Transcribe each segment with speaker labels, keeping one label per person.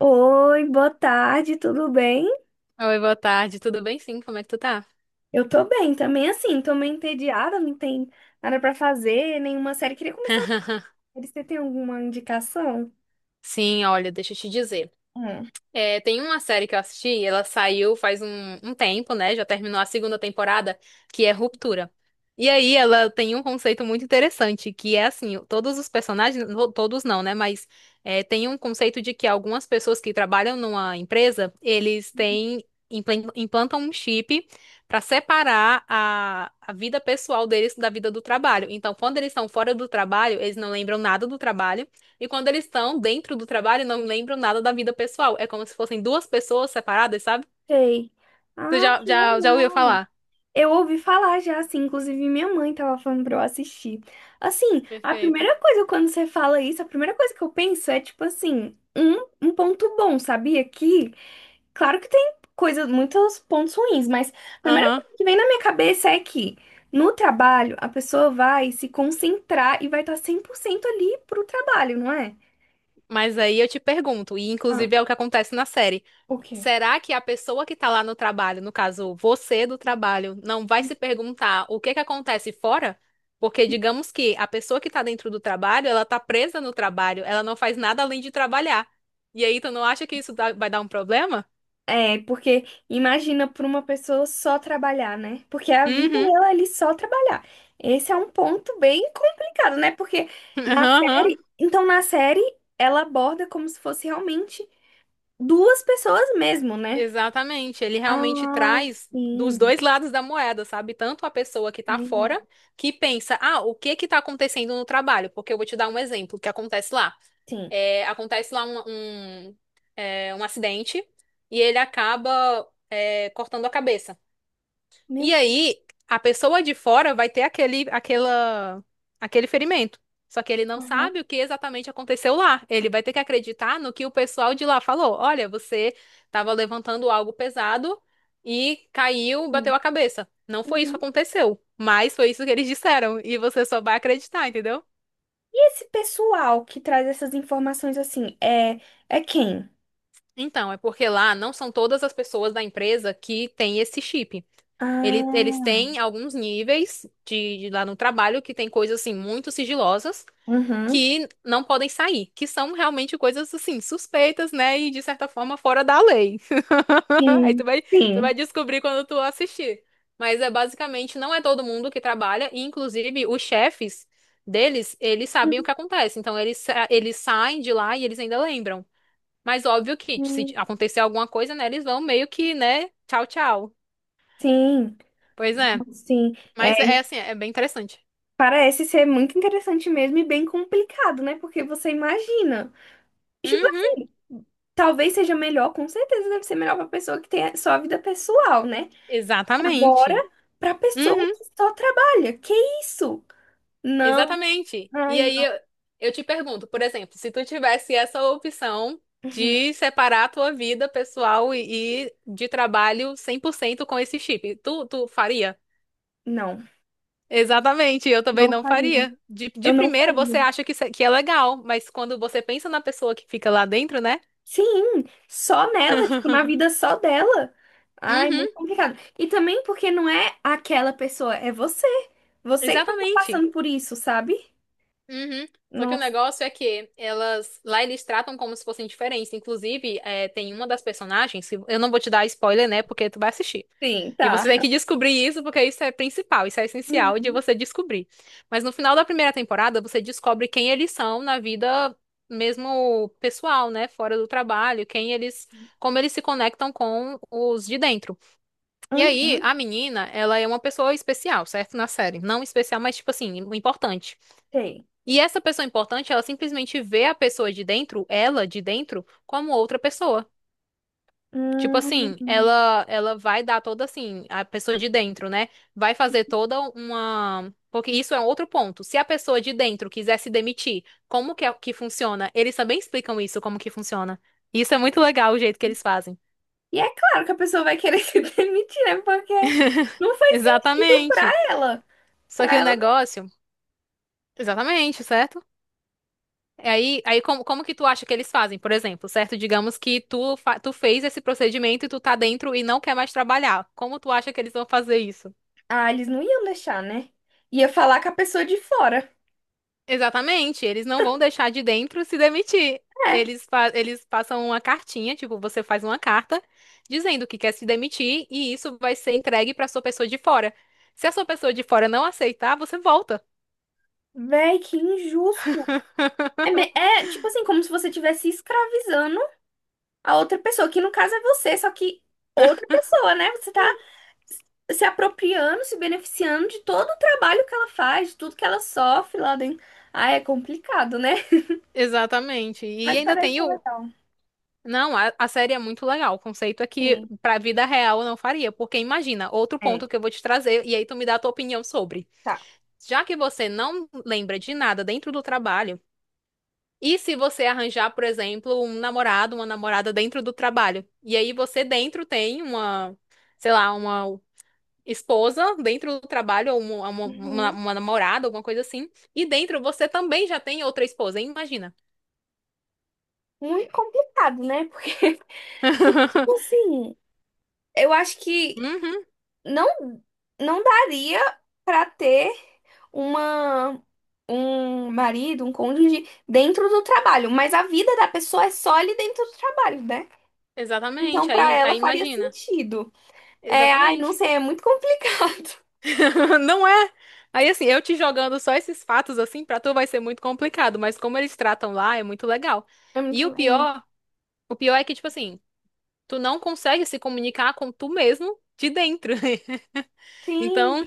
Speaker 1: Oi, boa tarde, tudo bem?
Speaker 2: Oi, boa tarde. Tudo bem? Sim, como é que tu tá?
Speaker 1: Eu tô bem também, assim, tô meio entediada, não tem nada pra fazer, nenhuma série. Queria começar a série, você tem alguma indicação?
Speaker 2: Sim, olha, deixa eu te dizer.
Speaker 1: Hum.
Speaker 2: É, tem uma série que eu assisti, ela saiu faz um tempo, né? Já terminou a segunda temporada, que é Ruptura. E aí ela tem um conceito muito interessante, que é assim, todos os personagens, todos não, né? Mas é, tem um conceito de que algumas pessoas que trabalham numa empresa, eles têm, implantam um chip para separar a vida pessoal deles da vida do trabalho. Então, quando eles estão fora do trabalho, eles não lembram nada do trabalho. E quando eles estão dentro do trabalho, não lembram nada da vida pessoal. É como se fossem duas pessoas separadas, sabe?
Speaker 1: Sei.
Speaker 2: Tu
Speaker 1: Ah,
Speaker 2: já,
Speaker 1: que
Speaker 2: já, já ouviu
Speaker 1: legal.
Speaker 2: falar?
Speaker 1: Eu ouvi falar já, assim, inclusive minha mãe tava falando pra eu assistir. Assim, a
Speaker 2: Perfeito.
Speaker 1: primeira coisa quando você fala isso, a primeira coisa que eu penso é, tipo assim, um ponto bom, sabia? Que claro que tem coisas, muitos pontos ruins, mas a primeira
Speaker 2: Aham.
Speaker 1: coisa que vem na minha cabeça é que no trabalho a pessoa vai se concentrar e vai estar 100% ali pro trabalho, não é?
Speaker 2: Mas aí eu te pergunto, e
Speaker 1: Ah,
Speaker 2: inclusive é o que acontece na série.
Speaker 1: o quê?
Speaker 2: Será que a pessoa que tá lá no trabalho, no caso, você do trabalho, não vai se perguntar o que que acontece fora? Porque digamos que a pessoa que tá dentro do trabalho, ela tá presa no trabalho, ela não faz nada além de trabalhar. E aí tu não acha que isso vai dar um problema?
Speaker 1: É, porque imagina para uma pessoa só trabalhar, né? Porque a vida
Speaker 2: Uhum.
Speaker 1: dela é ali só trabalhar. Esse é um ponto bem complicado, né? Porque na
Speaker 2: Aham.
Speaker 1: série, então na série ela aborda como se fosse realmente duas pessoas mesmo, né?
Speaker 2: Exatamente, ele realmente
Speaker 1: Ah,
Speaker 2: traz dos
Speaker 1: sim,
Speaker 2: dois lados da moeda, sabe? Tanto a pessoa que tá
Speaker 1: sim,
Speaker 2: fora, que pensa, ah, o que que tá acontecendo no trabalho? Porque eu vou te dar um exemplo que acontece lá.
Speaker 1: sim.
Speaker 2: É, acontece lá um acidente e ele acaba, é, cortando a cabeça. E
Speaker 1: Meu Deus.
Speaker 2: aí, a pessoa de fora vai ter aquele ferimento. Só que ele não
Speaker 1: Aham,
Speaker 2: sabe o que exatamente aconteceu lá. Ele vai ter que acreditar no que o pessoal de lá falou. Olha, você estava levantando algo pesado e caiu,
Speaker 1: sim.
Speaker 2: bateu a cabeça. Não foi isso que
Speaker 1: Uhum.
Speaker 2: aconteceu, mas foi isso que eles disseram. E você só vai acreditar, entendeu?
Speaker 1: E esse pessoal que traz essas informações assim, é, é quem?
Speaker 2: Então, é porque lá não são todas as pessoas da empresa que têm esse chip. Eles
Speaker 1: Ah,
Speaker 2: têm alguns níveis de lá no trabalho que tem coisas assim muito sigilosas.
Speaker 1: uhum.
Speaker 2: Que não podem sair, que são realmente coisas assim, suspeitas, né? E de certa forma fora da lei. Aí tu
Speaker 1: Sim.
Speaker 2: vai, tu vai
Speaker 1: Sim.
Speaker 2: descobrir quando tu assistir. Mas é basicamente não é todo mundo que trabalha, e inclusive os chefes deles, eles sabem o que acontece. Então eles, eles saem de lá e eles ainda lembram. Mas óbvio que se
Speaker 1: Uhum.
Speaker 2: acontecer alguma coisa, né, eles vão meio que, né, tchau, tchau.
Speaker 1: Sim,
Speaker 2: Pois é.
Speaker 1: sim. É,
Speaker 2: Mas é assim, é bem interessante.
Speaker 1: parece ser muito interessante mesmo e bem complicado, né? Porque você imagina. Tipo
Speaker 2: Uhum,
Speaker 1: assim, talvez seja melhor, com certeza deve ser melhor pra pessoa que tem a sua vida pessoal, né? Agora,
Speaker 2: exatamente.
Speaker 1: pra pessoa
Speaker 2: Uhum.
Speaker 1: que só trabalha. Que isso? Não,
Speaker 2: Exatamente.
Speaker 1: ai,
Speaker 2: E aí
Speaker 1: não.
Speaker 2: eu te pergunto, por exemplo, se tu tivesse essa opção
Speaker 1: Uhum.
Speaker 2: de separar a tua vida pessoal e de trabalho 100% com esse chip, tu faria?
Speaker 1: Não.
Speaker 2: Exatamente, eu também
Speaker 1: Não
Speaker 2: não
Speaker 1: faria.
Speaker 2: faria. De
Speaker 1: Eu não
Speaker 2: primeira você
Speaker 1: faria.
Speaker 2: acha que, que é legal, mas quando você pensa na pessoa que fica lá dentro, né?
Speaker 1: Sim, só nela, tipo, na vida só dela. Ai,
Speaker 2: Uhum,
Speaker 1: muito complicado. E também porque não é aquela pessoa, é você. Você que vai estar
Speaker 2: exatamente.
Speaker 1: passando por isso, sabe?
Speaker 2: Uhum. Só que o
Speaker 1: Nossa,
Speaker 2: negócio é que elas lá eles tratam como se fossem diferentes. Inclusive, é, tem uma das personagens, que eu não vou te dar spoiler, né? Porque tu vai assistir.
Speaker 1: sim,
Speaker 2: E você tem
Speaker 1: tá.
Speaker 2: que descobrir isso, porque isso é principal, isso é essencial de
Speaker 1: Uhum,
Speaker 2: você descobrir. Mas no final da primeira temporada, você descobre quem eles são na vida mesmo pessoal, né? Fora do trabalho, quem eles, como eles se conectam com os de dentro. E aí,
Speaker 1: uhum,
Speaker 2: a menina, ela é uma pessoa especial, certo? Na série. Não especial, mas tipo assim, importante.
Speaker 1: sei.
Speaker 2: E essa pessoa importante, ela simplesmente vê a pessoa de dentro, ela de dentro, como outra pessoa. Tipo assim,
Speaker 1: Hum.
Speaker 2: ela vai dar toda assim, a pessoa de dentro, né? Vai fazer toda uma. Porque isso é um outro ponto. Se a pessoa de dentro quiser se demitir, como que, que funciona? Eles também explicam isso, como que funciona. Isso é muito legal o jeito que eles fazem.
Speaker 1: E é claro que a pessoa vai querer se demitir, né? Porque não faz sentido pra
Speaker 2: Exatamente.
Speaker 1: ela.
Speaker 2: Só
Speaker 1: Pra
Speaker 2: que o
Speaker 1: ela. Não.
Speaker 2: negócio. Exatamente, certo? Aí, como que tu acha que eles fazem, por exemplo, certo? Digamos que tu fez esse procedimento e tu tá dentro e não quer mais trabalhar. Como tu acha que eles vão fazer isso?
Speaker 1: Ah, eles não iam deixar, né? Ia falar com a pessoa de fora.
Speaker 2: Exatamente, eles não vão deixar de dentro se demitir.
Speaker 1: É.
Speaker 2: Eles, eles passam uma cartinha, tipo, você faz uma carta dizendo que quer se demitir e isso vai ser entregue para sua pessoa de fora. Se a sua pessoa de fora não aceitar, você volta.
Speaker 1: Véi, que injusto. Tipo assim, como se você estivesse escravizando a outra pessoa, que no caso é você, só que outra pessoa, né? Você tá se apropriando, se beneficiando de todo o trabalho que ela faz, de tudo que ela sofre lá dentro. Ah, é complicado, né?
Speaker 2: Exatamente. E
Speaker 1: Mas
Speaker 2: ainda
Speaker 1: parece
Speaker 2: tem
Speaker 1: ser
Speaker 2: o
Speaker 1: legal.
Speaker 2: Não, a série é muito legal. O conceito é que
Speaker 1: Sim.
Speaker 2: pra vida real eu não faria, porque imagina, outro
Speaker 1: É.
Speaker 2: ponto que eu vou te trazer e aí tu me dá a tua opinião sobre.
Speaker 1: Tá.
Speaker 2: Já que você não lembra de nada dentro do trabalho, e se você arranjar, por exemplo, um namorado, uma namorada dentro do trabalho, e aí você dentro tem uma, sei lá, uma esposa dentro do trabalho ou uma, uma, uma
Speaker 1: Uhum.
Speaker 2: uma namorada, alguma coisa assim, e dentro você também já tem outra esposa, hein? Imagina.
Speaker 1: Muito complicado, né? Porque, porque, tipo assim, eu acho que
Speaker 2: Uhum,
Speaker 1: não não daria para ter uma um marido, um cônjuge dentro do trabalho, mas a vida da pessoa é só ali dentro do trabalho, né? Então
Speaker 2: exatamente.
Speaker 1: para
Speaker 2: Aí,
Speaker 1: ela
Speaker 2: aí
Speaker 1: faria
Speaker 2: imagina.
Speaker 1: sentido. É, ai, não
Speaker 2: Exatamente.
Speaker 1: sei, é muito complicado.
Speaker 2: Não é? Aí assim, eu te jogando só esses fatos assim, pra tu vai ser muito complicado, mas como eles tratam lá é muito legal.
Speaker 1: É
Speaker 2: E
Speaker 1: muito-
Speaker 2: o
Speaker 1: é.
Speaker 2: pior, o pior é que tipo assim, tu não consegue se comunicar com tu mesmo de dentro.
Speaker 1: Sim.
Speaker 2: Então,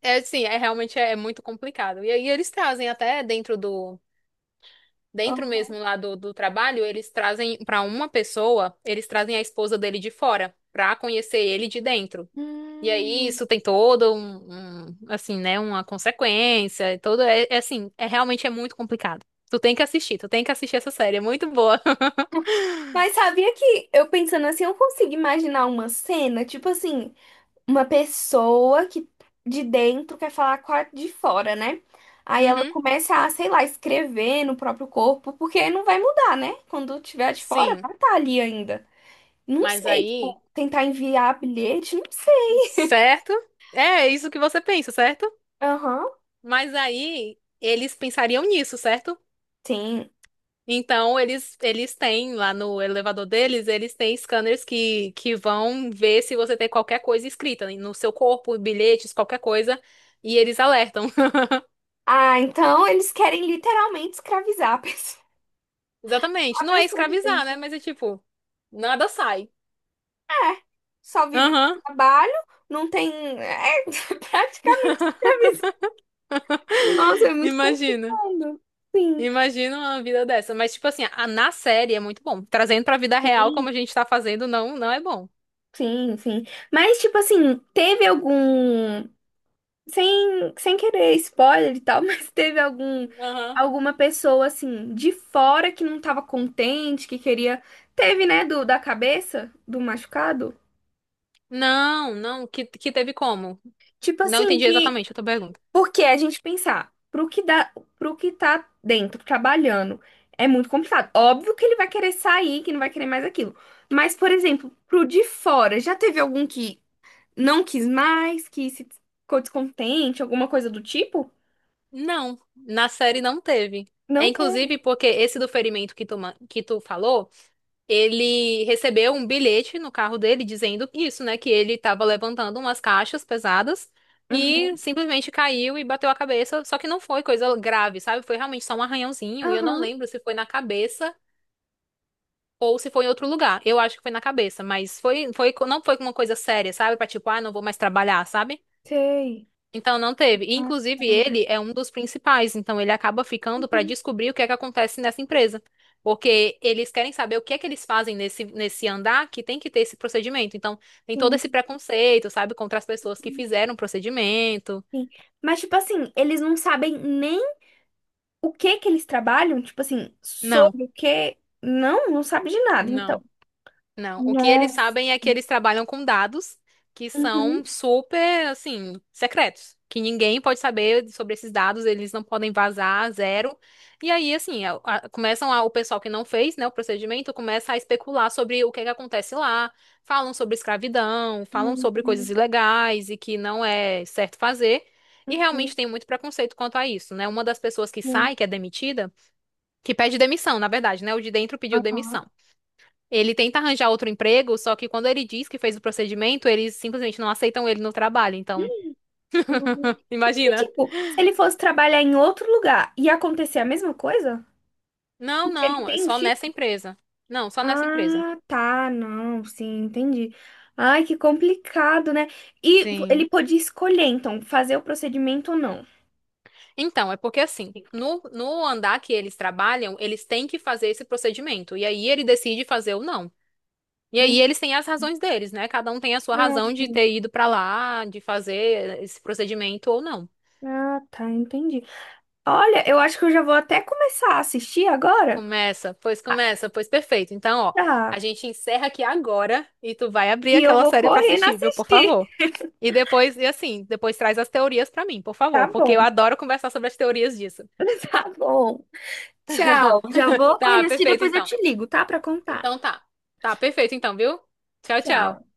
Speaker 2: é assim, é realmente é, muito complicado. E aí eles trazem até dentro do dentro
Speaker 1: Ó.
Speaker 2: mesmo lá do trabalho, eles trazem pra uma pessoa, eles trazem a esposa dele de fora, pra conhecer ele de dentro. E aí
Speaker 1: Hum.
Speaker 2: isso tem todo um, assim, né, uma consequência, e todo é assim, é realmente é muito complicado. Tu tem que assistir, tu tem que assistir essa série, é muito boa.
Speaker 1: Mas sabia que eu pensando assim, eu consigo imaginar uma cena, tipo assim, uma pessoa que de dentro quer falar com a de fora, né? Aí ela
Speaker 2: Uhum,
Speaker 1: começa a, sei lá, escrever no próprio corpo, porque não vai mudar, né? Quando tiver a de fora,
Speaker 2: sim,
Speaker 1: vai estar ali ainda. Não
Speaker 2: mas
Speaker 1: sei,
Speaker 2: aí,
Speaker 1: tipo, tentar enviar bilhete, não sei.
Speaker 2: certo? É isso que você pensa, certo?
Speaker 1: Aham,
Speaker 2: Mas aí eles pensariam nisso, certo?
Speaker 1: sim.
Speaker 2: Então eles têm lá no elevador deles, eles têm scanners que vão ver se você tem qualquer coisa escrita no seu corpo, bilhetes, qualquer coisa, e eles alertam.
Speaker 1: Ah, então eles querem literalmente escravizar a pessoa,
Speaker 2: Exatamente.
Speaker 1: a
Speaker 2: Não é
Speaker 1: pessoa de
Speaker 2: escravizar, né?
Speaker 1: dentro.
Speaker 2: Mas é tipo, nada sai.
Speaker 1: É, só vive por
Speaker 2: Aham,
Speaker 1: trabalho, não tem. É praticamente escravizar. Nossa, é muito
Speaker 2: imagina.
Speaker 1: complicado. Sim.
Speaker 2: Imagina uma vida dessa. Mas, tipo assim, na série é muito bom. Trazendo pra vida real, como a gente tá fazendo, não, não é bom.
Speaker 1: Sim, sim. Mas, tipo assim, teve algum. Sem, sem querer spoiler e tal, mas teve algum.
Speaker 2: Aham.
Speaker 1: Alguma pessoa, assim, de fora que não tava contente, que queria. Teve, né, do, da cabeça, do machucado?
Speaker 2: Não, não, que teve como?
Speaker 1: Tipo
Speaker 2: Não
Speaker 1: assim,
Speaker 2: entendi
Speaker 1: que.
Speaker 2: exatamente a tua pergunta.
Speaker 1: Porque a gente pensar, pro que dá, pro que tá dentro, trabalhando, é muito complicado. Óbvio que ele vai querer sair, que não vai querer mais aquilo. Mas, por exemplo, pro de fora, já teve algum que. Não quis mais, que se ficou descontente, alguma coisa do tipo?
Speaker 2: Não, na série não teve. É
Speaker 1: Não teve.
Speaker 2: inclusive porque esse do ferimento que tu falou, ele recebeu um bilhete no carro dele dizendo isso, né? Que ele tava levantando umas caixas pesadas e
Speaker 1: Uhum.
Speaker 2: simplesmente caiu e bateu a cabeça. Só que não foi coisa grave, sabe? Foi realmente só um arranhãozinho e eu não
Speaker 1: Aham,
Speaker 2: lembro se foi na cabeça ou se foi em outro lugar. Eu acho que foi na cabeça, mas foi, não foi uma coisa séria, sabe? Pra tipo, ah, não vou mais trabalhar, sabe?
Speaker 1: sei.
Speaker 2: Então não teve. E,
Speaker 1: Ah,
Speaker 2: inclusive,
Speaker 1: tá.
Speaker 2: ele é um dos principais, então ele acaba ficando para
Speaker 1: Uhum,
Speaker 2: descobrir o que é que acontece nessa empresa. Porque eles querem saber o que é que eles fazem nesse andar que tem que ter esse procedimento. Então, tem todo
Speaker 1: sim,
Speaker 2: esse preconceito, sabe, contra as pessoas que fizeram o procedimento.
Speaker 1: sim. Mas, tipo assim, eles não sabem nem o que que eles trabalham, tipo assim,
Speaker 2: Não,
Speaker 1: sobre o que. Não, não sabe de nada, então.
Speaker 2: não. Não, o que eles
Speaker 1: Nossa.
Speaker 2: sabem é que eles trabalham com dados que são
Speaker 1: Uhum.
Speaker 2: super, assim, secretos, que ninguém pode saber sobre esses dados, eles não podem vazar, zero. E aí, assim, o pessoal que não fez, né, o procedimento, começa a especular sobre o que é que acontece lá, falam sobre escravidão, falam sobre coisas
Speaker 1: Uhum.
Speaker 2: ilegais e que não é certo fazer. E realmente
Speaker 1: Uhum.
Speaker 2: tem muito preconceito quanto a isso, né? Uma das pessoas que
Speaker 1: Uhum.
Speaker 2: sai, que é demitida, que pede demissão, na verdade, né? O de dentro pediu
Speaker 1: Aham.
Speaker 2: demissão. Ele tenta arranjar outro emprego, só que quando ele diz que fez o procedimento, eles simplesmente não aceitam ele no trabalho. Então,
Speaker 1: Uhum. Porque,
Speaker 2: imagina.
Speaker 1: tipo, se ele fosse trabalhar em outro lugar e acontecer a mesma coisa,
Speaker 2: Não,
Speaker 1: porque ele
Speaker 2: não, é
Speaker 1: tem o
Speaker 2: só
Speaker 1: chip.
Speaker 2: nessa empresa. Não, só nessa empresa.
Speaker 1: Ah, tá, não, sim, entendi. Ai, que complicado, né? E
Speaker 2: Sim.
Speaker 1: ele podia escolher, então, fazer o procedimento ou não.
Speaker 2: Então, é porque assim, no andar que eles trabalham, eles têm que fazer esse procedimento. E aí ele decide fazer ou não. E
Speaker 1: Hum,
Speaker 2: aí eles têm as razões deles, né? Cada um tem a sua
Speaker 1: ah,
Speaker 2: razão de
Speaker 1: sim.
Speaker 2: ter ido pra lá, de fazer esse procedimento ou não.
Speaker 1: Ah, tá, entendi. Olha, eu acho que eu já vou até começar a assistir agora.
Speaker 2: Começa, pois perfeito. Então, ó, a
Speaker 1: Tá.
Speaker 2: gente encerra aqui agora e tu vai abrir
Speaker 1: E eu
Speaker 2: aquela
Speaker 1: vou
Speaker 2: série pra
Speaker 1: correndo
Speaker 2: assistir, viu? Por
Speaker 1: assistir.
Speaker 2: favor. E depois, e assim, depois traz as teorias pra mim, por
Speaker 1: Tá
Speaker 2: favor, porque eu
Speaker 1: bom.
Speaker 2: adoro conversar sobre as teorias disso.
Speaker 1: Tá bom. Tchau. Já vou
Speaker 2: Tá,
Speaker 1: correndo assistir,
Speaker 2: perfeito,
Speaker 1: depois eu
Speaker 2: então.
Speaker 1: te ligo, tá? Pra contar.
Speaker 2: Então tá. Tá, perfeito, então, viu? Tchau,
Speaker 1: Tchau.
Speaker 2: tchau.